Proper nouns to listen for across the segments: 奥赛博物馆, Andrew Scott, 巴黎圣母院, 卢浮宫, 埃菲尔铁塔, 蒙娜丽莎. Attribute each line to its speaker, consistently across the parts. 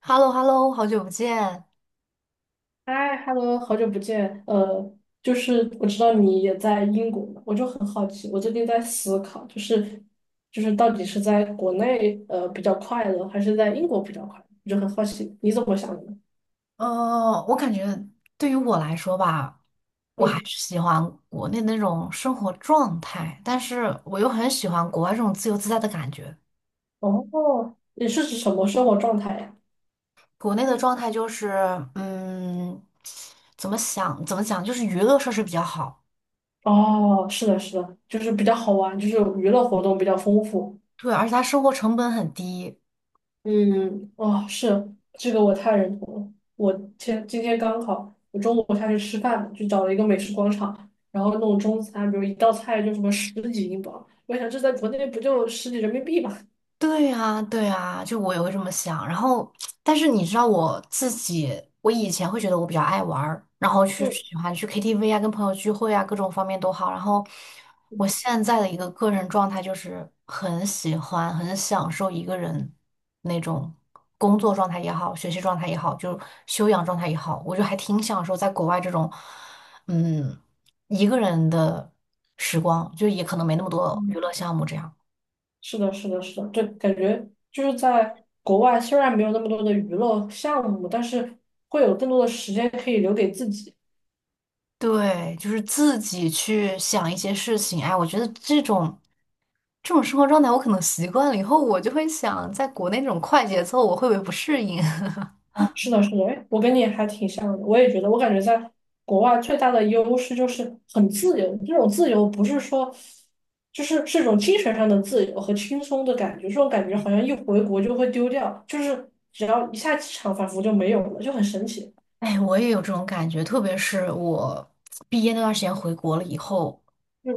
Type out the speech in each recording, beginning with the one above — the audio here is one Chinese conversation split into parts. Speaker 1: h e l l o h e l l o 好久不见。
Speaker 2: 嗨，Hello，好久不见。我知道你也在英国嘛，我就很好奇，我最近在思考，就是到底是在国内比较快乐，还是在英国比较快乐？我就很好奇你怎么想的呢？
Speaker 1: 我感觉对于我来说吧，我还
Speaker 2: 嗯，
Speaker 1: 是喜欢国内那种生活状态，但是我又很喜欢国外这种自由自在的感觉。
Speaker 2: 哦，你是指什么生活状态呀？
Speaker 1: 国内的状态就是，嗯，怎么想怎么讲，就是娱乐设施比较好。
Speaker 2: 哦，是的，是的，就是比较好玩，就是娱乐活动比较丰富。
Speaker 1: 对，而且它生活成本很低。
Speaker 2: 嗯，哦，是，这个我太认同了。我前今天刚好，我中午下去吃饭就找了一个美食广场，然后弄中餐，比如一道菜就什么十几英镑，我想这在国内不就十几人民币嘛？
Speaker 1: 对啊，对啊，就我也会这么想。然后，但是你知道我自己，我以前会觉得我比较爱玩儿，然后去
Speaker 2: 嗯，
Speaker 1: 喜欢去 KTV 啊，跟朋友聚会啊，各种方面都好。然后，
Speaker 2: 是
Speaker 1: 我
Speaker 2: 的，
Speaker 1: 现在的一个个人状态就是很喜欢、很享受一个人那种工作状态也好，学习状态也好，就修养状态也好，我就还挺享受在国外这种，嗯，一个人的时光，就也可能没那么多娱
Speaker 2: 嗯，
Speaker 1: 乐项目这样。
Speaker 2: 是的，是的，是的，对，感觉就是在国外虽然没有那么多的娱乐项目，但是会有更多的时间可以留给自己。
Speaker 1: 对，就是自己去想一些事情。哎，我觉得这种生活状态，我可能习惯了以后，我就会想，在国内这种快节奏，我会不会不适应？
Speaker 2: 是的，是的，哎，我跟你还挺像的，我也觉得，我感觉在国外最大的优势就是很自由，这种自由不是说，就是是一种精神上的自由和轻松的感觉，这种感觉好像一回国就会丢掉，就是只要一下机场，仿佛就没有了，就很神奇。
Speaker 1: 哎，我也有这种感觉，特别是我毕业那段时间回国了以后，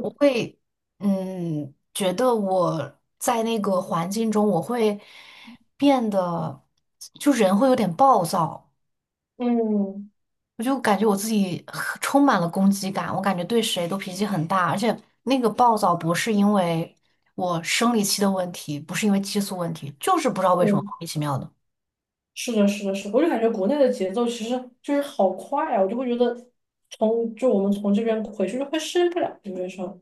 Speaker 1: 我会觉得我在那个环境中，我会变得就人会有点暴躁。
Speaker 2: 嗯
Speaker 1: 我就感觉我自己很充满了攻击感，我感觉对谁都脾气很大，而且那个暴躁不是因为我生理期的问题，不是因为激素问题，就是不知道为什么
Speaker 2: 嗯，
Speaker 1: 莫名其妙的。
Speaker 2: 是的，是的，是的，我就感觉国内的节奏其实就是好快啊，我就会觉得从就我们从这边回去就会适应不了，有没有说？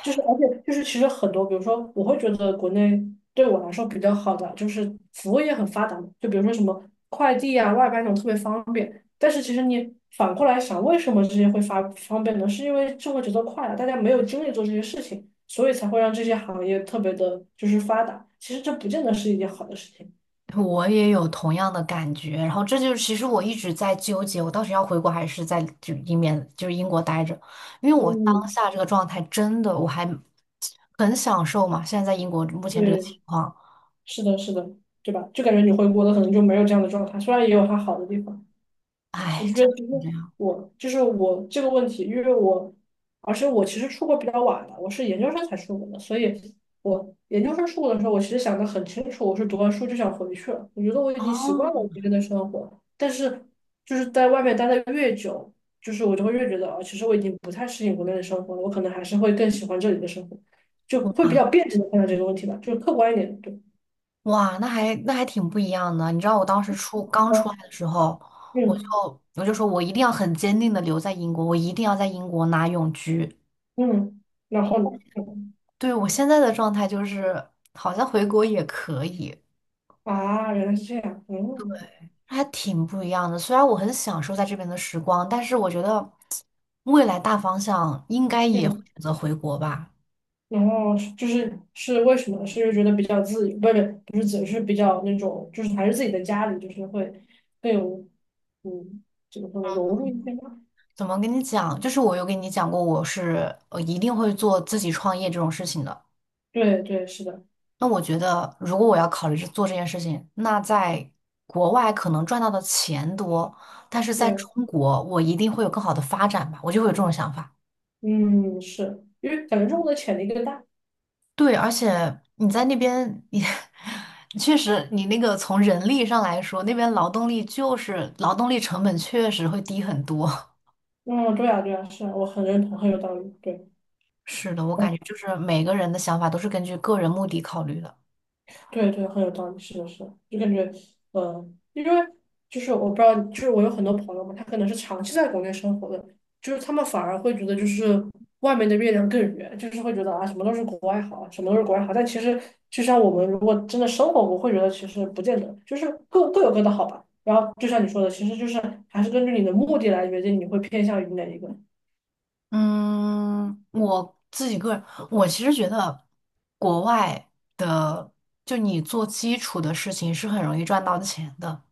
Speaker 2: 就是，而且就是，其实很多，比如说，我会觉得国内对我来说比较好的，就是服务业很发达嘛，就比如说什么快递啊、外卖那种特别方便。但是其实你反过来想，为什么这些会发方便呢？是因为生活节奏快了，大家没有精力做这些事情，所以才会让这些行业特别的就是发达。其实这不见得是一件好的事情。
Speaker 1: 我也有同样的感觉，然后这就是其实我一直在纠结，我到底要回国还是在就英面就是英国待着，因为我当
Speaker 2: 嗯，
Speaker 1: 下这个状态真的我还很享受嘛，现在在英国目前这个情
Speaker 2: 对，
Speaker 1: 况，
Speaker 2: 是的，是的，对吧？就感觉你回国的可能就没有这样的状态，虽然也有它好的地方。我
Speaker 1: 唉，
Speaker 2: 就觉
Speaker 1: 真
Speaker 2: 得
Speaker 1: 的
Speaker 2: 其实
Speaker 1: 是这样
Speaker 2: 我就是我这个问题，因为我，而且我其实出国比较晚了，我是研究生才出国的，所以我研究生出国的时候，我其实想的很清楚，我是读完书就想回去了，我觉得我已经习惯了我
Speaker 1: 哦。
Speaker 2: 这边的生活，但是就是在外面待的越久，就是我就会越觉得啊，其实我已经不太适应国内的生活了，我可能还是会更喜欢这里的生活，就会比较辩证的看待这个问题吧，就是客观一点，对，
Speaker 1: 哇，那还挺不一样的。你知道我当时刚出来的时候，我就
Speaker 2: 嗯
Speaker 1: 我就说我一定要很坚定的留在英国，我一定要在英国拿永居。
Speaker 2: 嗯嗯，然后呢？嗯。
Speaker 1: 对，我现在的状态就是好像回国也可以，
Speaker 2: 啊，原来是这样，嗯
Speaker 1: 还挺不一样的。虽然我很享受在这边的时光，但是我觉得未来大方向应该也会
Speaker 2: 嗯。
Speaker 1: 选择回国吧。
Speaker 2: 然后是就是是为什么？是因为觉得比较自由，不是自由，是比较那种，就是还是自己的家里，就是会更有，嗯，怎么说呢，融入一些吧。
Speaker 1: 怎么跟你讲？就是我有跟你讲过，我是一定会做自己创业这种事情的。
Speaker 2: 对对，是的，
Speaker 1: 那我觉得，如果我要考虑着做这件事情，那在国外可能赚到的钱多，但是在
Speaker 2: 对，
Speaker 1: 中国，我一定会有更好的发展吧，我就会有这种想法。
Speaker 2: 嗯，是因为感觉中国的潜力更大。
Speaker 1: 对，而且你在那边，你 确实，你那个从人力上来说，那边劳动力就是劳动力成本确实会低很多。
Speaker 2: 嗯，对啊对啊，是啊，我很认同，很有道理。对。
Speaker 1: 是的，我感觉就是每个人的想法都是根据个人目的考虑的。
Speaker 2: 对对，很有道理，是的，是的，就感觉，因为就是我不知道，就是我有很多朋友嘛，他可能是长期在国内生活的，就是他们反而会觉得就是外面的月亮更圆，就是会觉得啊，什么都是国外好，什么都是国外好，但其实就像我们如果真的生活过，会觉得其实不见得，就是各各有各的好吧。然后就像你说的，其实就是还是根据你的目的来决定你会偏向于哪一个。
Speaker 1: 嗯，我自己个人，我其实觉得国外的，就你做基础的事情是很容易赚到钱的。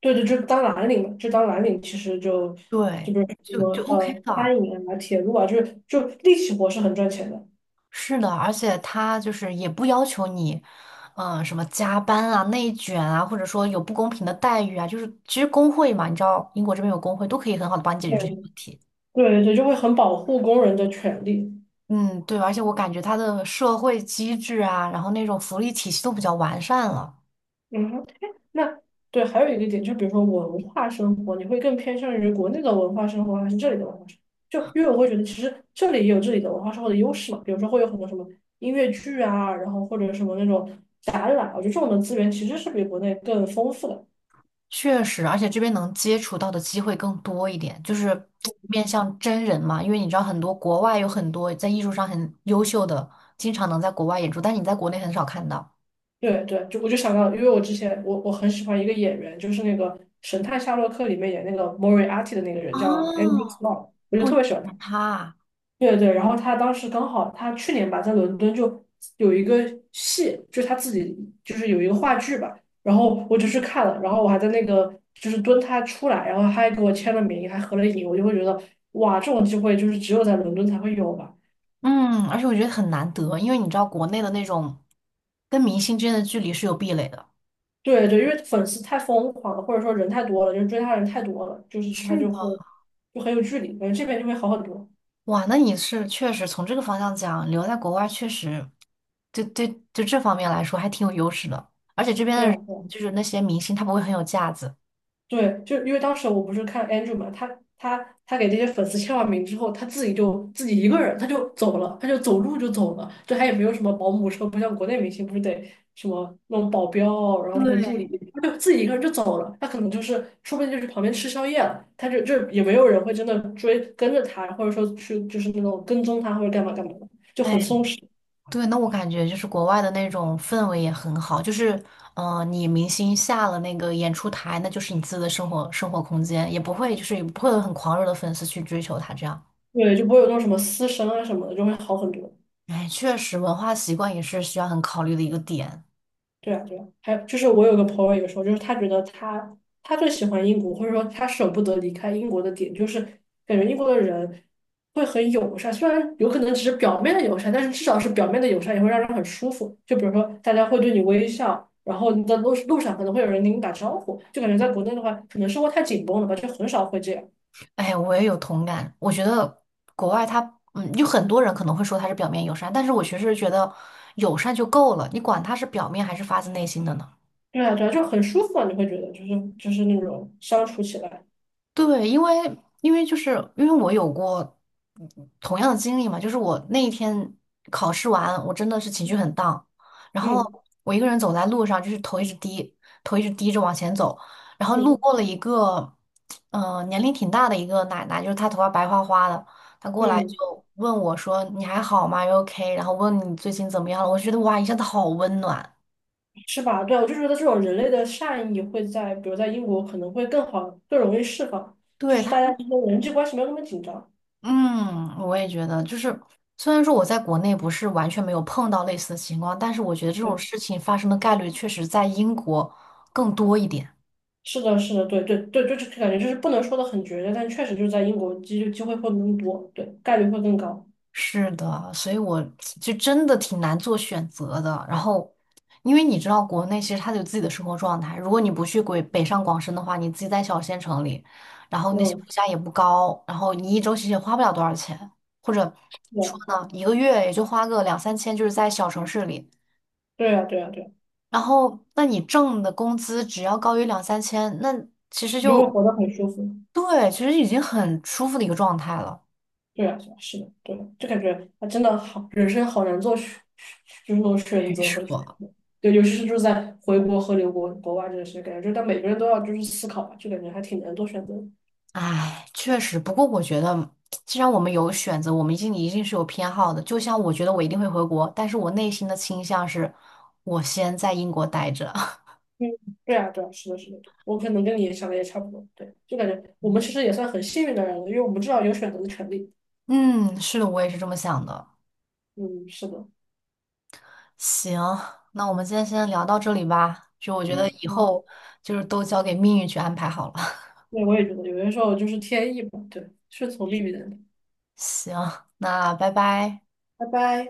Speaker 2: 对对，就当蓝领嘛，这当蓝领其实就就
Speaker 1: 对，
Speaker 2: 比如说什
Speaker 1: 就
Speaker 2: 么
Speaker 1: 就 OK 的，
Speaker 2: 餐饮啊、铁路啊，就是就力气活是很赚钱的。
Speaker 1: 是的，而且他就是也不要求你，什么加班啊、内卷啊，或者说有不公平的待遇啊，就是其实工会嘛，你知道英国这边有工会，都可以很好的帮你解决
Speaker 2: 对
Speaker 1: 这些问题。
Speaker 2: 对对，就会很保护工人的权利。
Speaker 1: 嗯，对，而且我感觉它的社会机制啊，然后那种福利体系都比较完善了。
Speaker 2: 嗯哼，哎，那对，还有一个点，就比如说文化生活，你会更偏向于国内的文化生活，还是这里的文化生活？就因为我会觉得，其实这里也有这里的文化生活的优势嘛，比如说会有很多什么音乐剧啊，然后或者什么那种展览，我觉得这种的资源其实是比国内更丰富的。
Speaker 1: 确实，而且这边能接触到的机会更多一点，就是 面向真人嘛，因为你知道很多国外有很多在艺术上很优秀的，经常能在国外演出，但你在国内很少看到。
Speaker 2: 对对，就我就想到，因为我之前我很喜欢一个演员，就是那个《神探夏洛克》里面演那个莫瑞阿蒂的那个人叫 Andrew
Speaker 1: 哦，
Speaker 2: Scott，我就
Speaker 1: 我
Speaker 2: 特
Speaker 1: 就
Speaker 2: 别喜
Speaker 1: 喜
Speaker 2: 欢他。
Speaker 1: 欢他。
Speaker 2: 对对，然后他当时刚好他去年吧在伦敦就有一个戏，就是他自己就是有一个话剧吧，然后我就去看了，然后我还在那个就是蹲他出来，然后他还给我签了名，还合了影，我就会觉得哇，这种机会就是只有在伦敦才会有吧。
Speaker 1: 嗯，而且我觉得很难得，因为你知道国内的那种跟明星之间的距离是有壁垒的。
Speaker 2: 对对，因为粉丝太疯狂了，或者说人太多了，就是追他的人太多了，就是他
Speaker 1: 是
Speaker 2: 就
Speaker 1: 的，
Speaker 2: 会就很有距离，感觉这边就会好很多。
Speaker 1: 哇，那你是确实从这个方向讲，留在国外确实，就对就这方面来说还挺有优势的。而且这边
Speaker 2: 对
Speaker 1: 的
Speaker 2: 啊，
Speaker 1: 人就是那些明星，他不会很有架子。
Speaker 2: 对，就因为当时我不是看 Andrew 嘛，他他给这些粉丝签完名之后，他自己就自己一个人他就走了，他就走路就走了，就他也没有什么保姆车，不像国内明星不是得什么那种保镖，然后什么助理，
Speaker 1: 对，
Speaker 2: 他就自己一个人就走了。他可能就是说不定就是旁边吃宵夜了，他就也没有人会真的追跟着他，或者说去就是那种跟踪他或者干嘛干嘛的，就很
Speaker 1: 哎，
Speaker 2: 松弛。
Speaker 1: 对，那我感觉就是国外的那种氛围也很好，就是，你明星下了那个演出台，那就是你自己的生活空间，也不会有很狂热的粉丝去追求他这样。
Speaker 2: 对，就不会有那种什么私生啊什么的，就会好很多。
Speaker 1: 哎，确实，文化习惯也是需要很考虑的一个点。
Speaker 2: 对啊，对啊，还有就是我有个朋友也说，就是他觉得他最喜欢英国，或者说他舍不得离开英国的点，就是感觉英国的人会很友善，虽然有可能只是表面的友善，但是至少是表面的友善也会让人很舒服。就比如说大家会对你微笑，然后你在路上可能会有人给你打招呼，就感觉在国内的话，可能生活太紧绷了吧，就很少会这样。
Speaker 1: 哎，我也有同感，我觉得国外他，有很多人可能会说他是表面友善，但是我其实觉得友善就够了，你管他是表面还是发自内心的呢？
Speaker 2: 对啊，对啊，就很舒服啊，你会觉得就是那种相处起来，
Speaker 1: 对，因为我有过同样的经历嘛，就是我那一天考试完，我真的是情绪很 然后
Speaker 2: 嗯
Speaker 1: 我一个人走在路上，就是头一直低着往前走，然后路
Speaker 2: 嗯
Speaker 1: 过了一个，年龄挺大的一个奶奶，就是她头发白花花的，她过来
Speaker 2: 嗯。
Speaker 1: 就问我说：“你还好吗 OK?” 然后问你最近怎么样了，我就觉得哇，一下子好温暖。
Speaker 2: 是吧？对，我就觉得这种人类的善意会在，比如在英国可能会更好，更容易释放，就
Speaker 1: 对，
Speaker 2: 是
Speaker 1: 她。
Speaker 2: 大家之间人际关系没有那么紧张。
Speaker 1: 嗯，我也觉得，就是虽然说我在国内不是完全没有碰到类似的情况，但是我觉得这种
Speaker 2: 对，
Speaker 1: 事情发生的概率确实在英国更多一点。
Speaker 2: 是的，是的，对对对，就是感觉就是不能说的很绝对，但确实就是在英国机会会更多，对，概率会更高。
Speaker 1: 是的，所以我就真的挺难做选择的。然后，因为你知道，国内其实它有自己的生活状态，如果你不去鬼北上广深的话，你自己在小县城里，然后那些
Speaker 2: 嗯，
Speaker 1: 物价也不高，然后你一周其实也花不了多少钱，或者说呢，一个月也就花个两三千，就是在小城市里。
Speaker 2: 对啊对啊，对啊，对啊，
Speaker 1: 然后那你挣的工资只要高于两三千，那其实
Speaker 2: 你就会
Speaker 1: 就
Speaker 2: 活得很舒服。
Speaker 1: 对，其实已经很舒服的一个状态了。
Speaker 2: 对啊，对啊，是的，对的，就感觉他真的好，人生好难做选，就是那种选
Speaker 1: 没
Speaker 2: 择和，
Speaker 1: 错，
Speaker 2: 对，尤其是就是在回国和留国外这个事感觉就是但每个人都要就是思考吧，就感觉还挺难做选择的。
Speaker 1: 唉，确实。不过我觉得，既然我们有选择，我们一定一定是有偏好的。就像我觉得我一定会回国，但是我内心的倾向是，我先在英国待着。
Speaker 2: 嗯，对啊，对啊，是的，是的，对，我可能跟你想的也差不多，对，就感觉我们其实也算很幸运的人了，因为我们至少有选择的权利。
Speaker 1: 嗯，是的，我也是这么想的。
Speaker 2: 嗯，是的，
Speaker 1: 行，那我们今天先聊到这里吧。就我觉得
Speaker 2: 嗯，
Speaker 1: 以
Speaker 2: 好，
Speaker 1: 后就是都交给命运去安排好了。
Speaker 2: 对，我也觉得有些时候就是天意吧，对，顺从命运的，
Speaker 1: 行，那拜拜。
Speaker 2: 拜拜。